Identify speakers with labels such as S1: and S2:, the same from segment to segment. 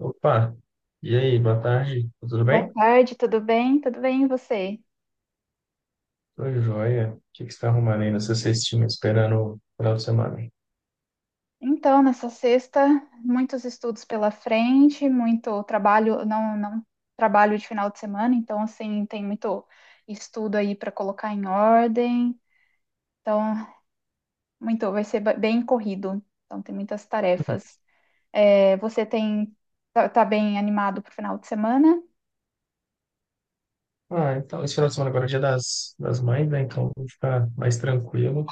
S1: Opa, e aí, boa tarde, tudo
S2: Boa
S1: bem?
S2: tarde, tudo bem? Tudo bem, e você?
S1: Tudo joia. O que que você está arrumando aí na sua cestinha, esperando o final de semana?
S2: Então, nessa sexta, muitos estudos pela frente, muito trabalho, não trabalho de final de semana, então, assim, tem muito estudo aí para colocar em ordem, então, muito, vai ser bem corrido, então, tem muitas
S1: Uhum.
S2: tarefas. É, você tem, tá bem animado para o final de semana?
S1: Ah, então, esse final de semana agora é dia das mães, né? Então, vou ficar mais tranquilo,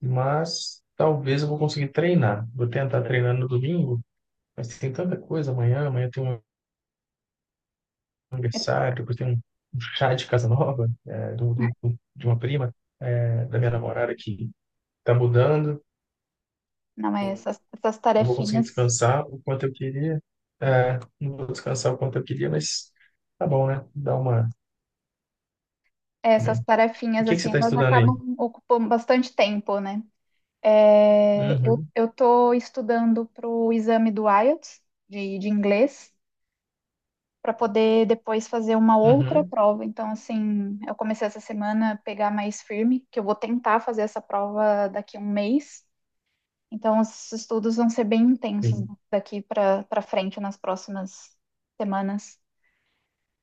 S1: mas talvez eu vou conseguir treinar. Vou tentar treinar no domingo, mas tem tanta coisa amanhã, amanhã tem um
S2: É,
S1: aniversário, depois tem um, um chá de casa nova, é, de uma prima, é, da minha namorada que tá mudando.
S2: não é, essas
S1: Não vou conseguir
S2: tarefinhas,
S1: descansar o quanto eu queria. É, não vou descansar o quanto eu queria, mas tá bom, né? Dá uma.
S2: é, essas
S1: Também. E o
S2: tarefinhas,
S1: que que você
S2: assim,
S1: está
S2: elas
S1: estudando aí?
S2: acabam ocupando bastante tempo, né? É, eu
S1: Uhum,
S2: eu estou estudando para o exame do IELTS de inglês para poder depois fazer uma outra
S1: uhum,
S2: prova. Então, assim, eu comecei essa semana a pegar mais firme, que eu vou tentar fazer essa prova daqui a um mês. Então, os estudos vão ser bem intensos
S1: sim.
S2: daqui para frente nas próximas semanas.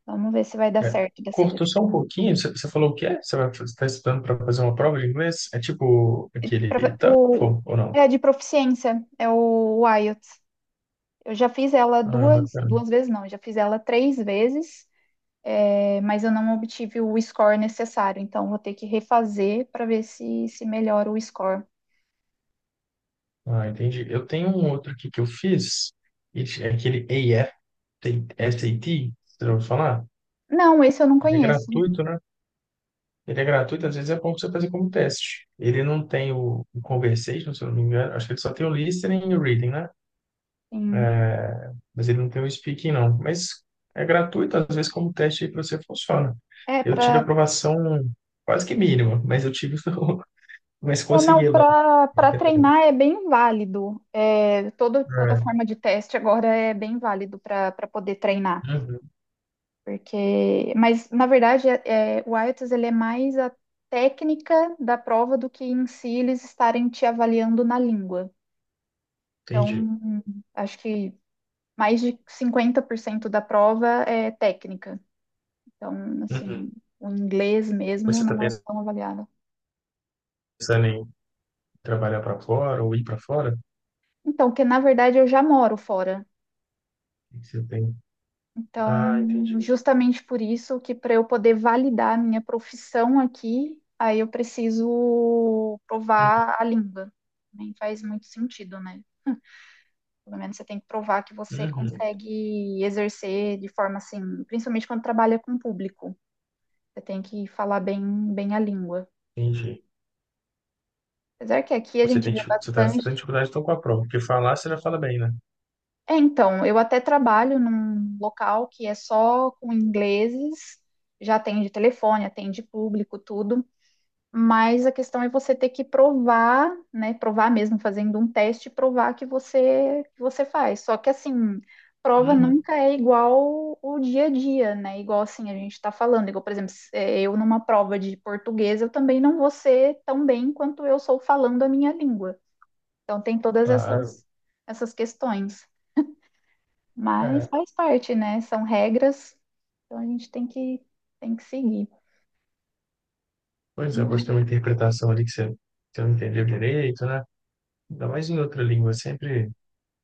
S2: Vamos ver se vai dar
S1: É.
S2: certo dessa vez.
S1: Cortou só um pouquinho, você, você falou o que é? Você está estudando para fazer uma prova de inglês? É tipo aquele
S2: O,
S1: TOEFL ou não?
S2: é de proficiência, é o IELTS. Eu já fiz ela
S1: Ah,
S2: duas,
S1: bacana.
S2: duas vezes, não, eu já fiz ela três vezes. É, mas eu não obtive o score necessário, então vou ter que refazer para ver se, se melhora o score.
S1: Ah, entendi. Eu tenho um outro aqui que eu fiz, e é aquele AF, SAT, você já ouviu falar?
S2: Não, esse eu não
S1: Ele é
S2: conheço.
S1: gratuito, né? Ele é gratuito, às vezes é bom pra você fazer como teste. Ele não tem o conversation, se eu não me engano. Acho que ele só tem o listening e o reading, né?
S2: Sim.
S1: Mas ele não tem o speaking, não. Mas é gratuito, às vezes como teste aí para você funciona.
S2: É,
S1: Eu tive
S2: para
S1: aprovação quase que mínima, mas eu tive, mas
S2: não,
S1: consegui lá.
S2: para
S1: Entendeu?
S2: treinar é bem válido. É, todo, toda
S1: É.
S2: forma de teste agora é bem válido para poder treinar.
S1: Uhum,
S2: Porque, mas na verdade é o IELTS ele é mais a técnica da prova do que em si eles estarem te avaliando na língua. Então,
S1: entendi.
S2: acho que mais de 50% da prova é técnica. Então,
S1: Uhum.
S2: assim, o inglês mesmo
S1: Você está
S2: não é tão avaliado.
S1: pensando em trabalhar para fora ou ir para fora?
S2: Então, que na verdade eu já moro fora.
S1: O que que você tem?
S2: Então,
S1: Ah, entendi.
S2: justamente por isso que para eu poder validar a minha profissão aqui, aí eu preciso
S1: Uhum,
S2: provar a língua. Nem faz muito sentido, né? Pelo menos você tem que provar que você
S1: uhum,
S2: consegue exercer de forma assim, principalmente quando trabalha com público. Você tem que falar bem, bem a língua.
S1: entendi.
S2: Apesar que aqui a
S1: Você
S2: gente
S1: tem,
S2: vê
S1: dificu- você tá, você tem
S2: bastante.
S1: dificuldade então com a prova, porque falar você já fala bem, né?
S2: É, então, eu até trabalho num local que é só com ingleses, já atende telefone, atende público, tudo. Mas a questão é você ter que provar, né? Provar mesmo, fazendo um teste, provar que você faz. Só que assim, prova
S1: Uhum.
S2: nunca é igual o dia a dia, né? Igual assim a gente está falando. Igual, por exemplo, eu numa prova de português, eu também não vou ser tão bem quanto eu sou falando a minha língua. Então tem todas
S1: Claro.
S2: essas, essas questões. Mas
S1: É.
S2: faz parte, né? São regras, então a gente tem que seguir.
S1: Pois é, pode ter
S2: Mas-
S1: uma interpretação ali que você não entendeu direito, né? Ainda mais em outra língua, é sempre,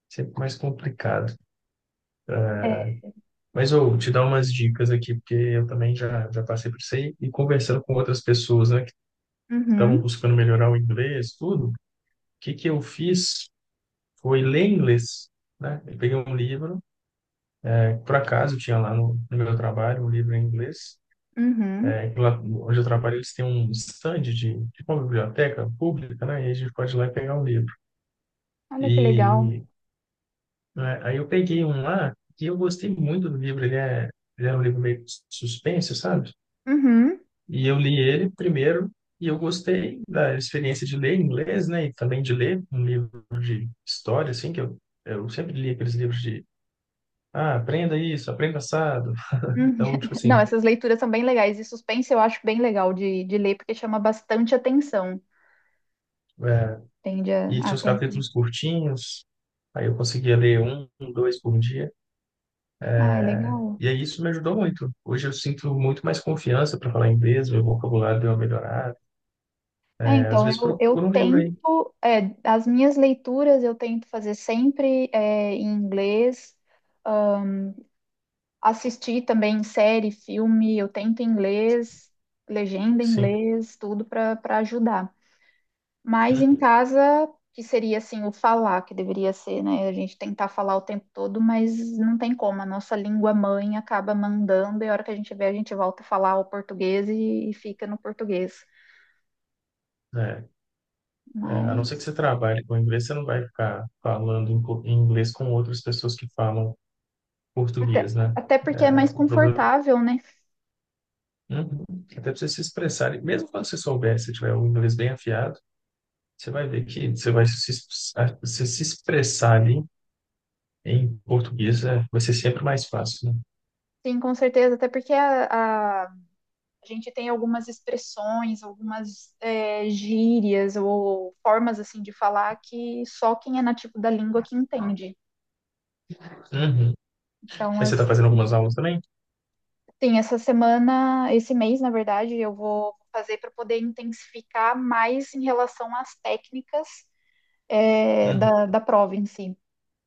S1: sempre mais complicado.
S2: É,
S1: Mas eu vou te dar umas dicas aqui, porque eu também já, já passei por isso aí, e conversando com outras pessoas, né, que estavam
S2: uhum,
S1: buscando melhorar o inglês, tudo, o que que eu fiz foi ler inglês, né? Eu peguei um livro, é, por acaso tinha lá no meu trabalho um livro em inglês.
S2: uhum.
S1: É, e lá onde eu trabalho, eles têm um stand de uma biblioteca pública, né? E a gente pode ir lá e pegar um livro.
S2: Olha que legal.
S1: E né, aí eu peguei um lá e eu gostei muito do livro. Ele é um livro meio suspense, sabe?
S2: Uhum,
S1: E eu li ele primeiro e eu gostei da experiência de ler em inglês, né? E também de ler um livro de história, assim, que eu sempre li aqueles livros de, ah, aprenda isso, aprenda assado.
S2: uhum.
S1: Então, tipo
S2: Não,
S1: assim,
S2: essas leituras são bem legais. E suspense eu acho bem legal de ler, porque chama bastante atenção.
S1: é,
S2: Tende
S1: e
S2: a
S1: tinha uns
S2: atenção.
S1: capítulos curtinhos. Aí eu conseguia ler um, dois por dia.
S2: Ah, é legal.
S1: E aí isso me ajudou muito. Hoje eu sinto muito mais confiança para falar inglês, meu vocabulário deu uma melhorada.
S2: É,
S1: É, às
S2: então,
S1: vezes
S2: eu
S1: procura um livro aí.
S2: tento, é, as minhas leituras eu tento fazer sempre é, em inglês, assistir também série, filme, eu tento em inglês, legenda em
S1: Sim.
S2: inglês, tudo para ajudar. Mas em
S1: Uhum.
S2: casa, que seria assim o falar, que deveria ser, né? A gente tentar falar o tempo todo, mas não tem como. A nossa língua mãe acaba mandando, e a hora que a gente vê, a gente volta a falar o português e fica no português.
S1: É, a não
S2: Mas
S1: ser que você trabalhe com inglês, você não vai ficar falando em co- em inglês com outras pessoas que falam
S2: até,
S1: português, né?
S2: até porque é mais
S1: O problema,
S2: confortável, né?
S1: uhum, até para você se expressar, e mesmo quando você souber, se tiver o inglês bem afiado, você vai ver que você vai se, es- a- você se expressar ali em português, é, vai ser sempre mais fácil, né?
S2: Sim, com certeza. Até porque a gente tem algumas expressões, algumas é, gírias ou formas assim de falar que só quem é nativo da língua que entende.
S1: Uhum.
S2: Então,
S1: Mas você
S2: as,
S1: está fazendo algumas aulas também?
S2: tem essa semana, esse mês, na verdade, eu vou fazer para poder intensificar mais em relação às técnicas é,
S1: Uhum.
S2: da prova em si.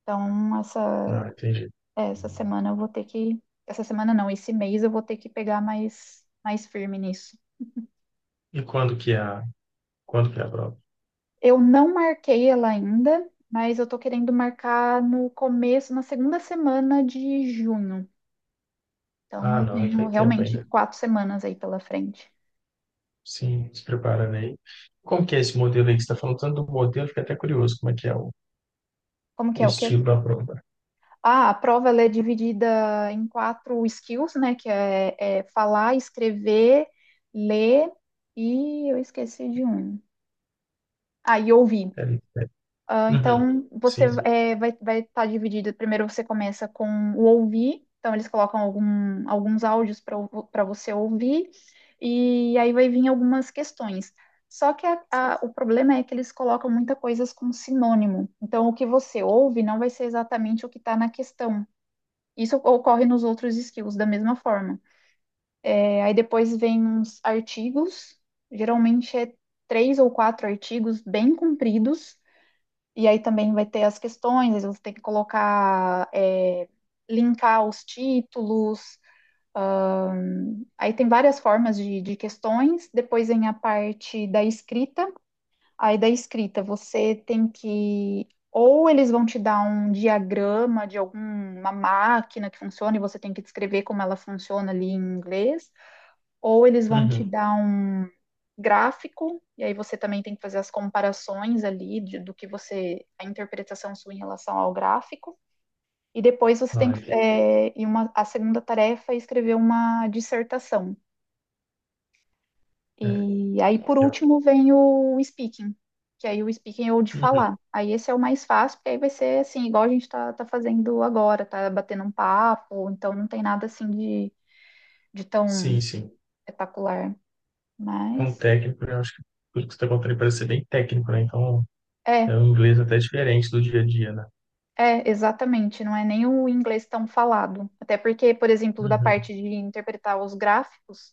S2: Então, essa,
S1: Ah, entendi.
S2: é, essa semana eu vou ter que. Essa semana não, esse mês eu vou ter que pegar mais firme nisso.
S1: E quando que é a, quando que é a prova?
S2: Eu não marquei ela ainda, mas eu tô querendo marcar no começo, na segunda semana de junho. Então
S1: Ah,
S2: eu
S1: não, aí
S2: tenho
S1: tem tempo
S2: realmente
S1: ainda.
S2: quatro semanas aí pela frente.
S1: Sim, se preparando aí. Como que é esse modelo aí que você está falando? Tanto do modelo, fiquei até curioso como é que é
S2: Como que
S1: o
S2: é o quê?
S1: estilo da prova.
S2: Ah, a prova ela é dividida em quatro skills, né? Que é, é falar, escrever, ler e eu esqueci de um. Ah, e ouvir.
S1: É, é.
S2: Ah,
S1: Uhum.
S2: então, você
S1: Sim.
S2: é, vai estar dividido. Primeiro você começa com o ouvir, então eles colocam alguns áudios para você ouvir, e aí vai vir algumas questões. Só que o problema é que eles colocam muita coisas com sinônimo. Então, o que você ouve não vai ser exatamente o que está na questão. Isso ocorre nos outros skills da mesma forma. É, aí depois vem uns artigos, geralmente é três ou quatro artigos bem compridos e aí também vai ter as questões, aí você tem que colocar, é, linkar os títulos. Aí tem várias formas de questões. Depois vem a parte da escrita. Aí da escrita você tem que. Ou eles vão te dar um diagrama de alguma máquina que funciona e você tem que descrever como ela funciona ali em inglês. Ou eles vão te
S1: Uhum.
S2: dar um gráfico, e aí você também tem que fazer as comparações ali do que você, a interpretação sua em relação ao gráfico. E depois você tem
S1: Ah,
S2: que,
S1: entendi.
S2: é, e uma, a segunda tarefa é escrever uma dissertação.
S1: É,
S2: E aí,
S1: então,
S2: por
S1: legal.
S2: último, vem o speaking, que aí o speaking é o de
S1: Uhum.
S2: falar. Aí esse é o mais fácil, porque aí vai ser assim, igual a gente está tá fazendo agora, tá batendo um papo, então não tem nada assim de tão
S1: Sim, sim.
S2: espetacular.
S1: Então,
S2: Mas
S1: técnico, eu acho que tudo que você está contando parece ser bem técnico, né? Então,
S2: é,
S1: é um inglês até diferente do dia a dia, né?
S2: é, exatamente, não é nem o inglês tão falado. Até porque, por exemplo, da
S1: Uhum.
S2: parte de interpretar os gráficos,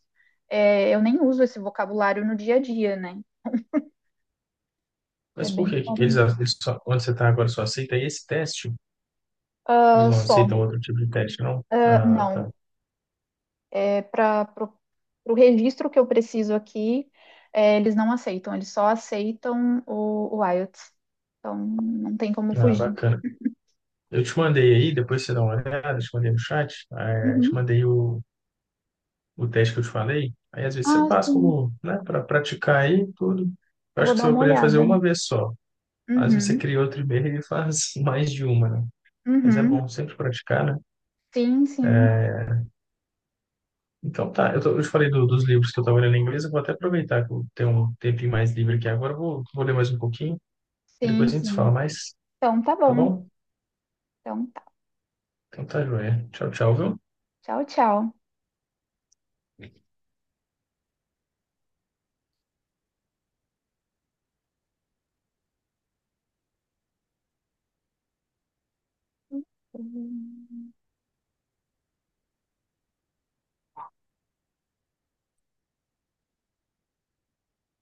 S2: é, eu nem uso esse vocabulário no dia a dia, né? É
S1: Mas por
S2: bem
S1: que que eles,
S2: caro.
S1: eles só, onde você está agora só aceita esse teste? Eles
S2: Ah,
S1: não
S2: só.
S1: aceitam outro tipo de teste, não?
S2: Ah,
S1: Ah, tá.
S2: não, é para o registro que eu preciso aqui, é, eles não aceitam, eles só aceitam o IELTS. Então, não tem como
S1: Ah,
S2: fugir.
S1: bacana. Eu te mandei aí, depois você dá uma olhada, te mandei no chat, eh, te
S2: Uhum.
S1: mandei o teste que eu te falei. Aí às vezes você
S2: Ah,
S1: faz
S2: sim.
S1: como, né, para praticar aí tudo. Eu
S2: Eu
S1: acho
S2: vou
S1: que
S2: dar
S1: você vai
S2: uma
S1: poder fazer
S2: olhada.
S1: uma vez só. Às vezes você
S2: Uhum.
S1: cria outro e-mail e faz mais de uma, né? Mas é bom
S2: Uhum.
S1: sempre praticar, né?
S2: Sim, sim.
S1: Então tá, eu, tô- eu te falei do- dos livros que eu tava lendo em inglês, eu vou até aproveitar que eu tenho um tempinho mais livre aqui agora, eu vou, vou ler mais um pouquinho, aí
S2: Sim,
S1: depois a gente se fala
S2: sim.
S1: mais,
S2: Então, tá
S1: tá
S2: bom.
S1: bom?
S2: Então, tá.
S1: Então tá, joia. Tchau, tchau, viu?
S2: Tchau, tchau.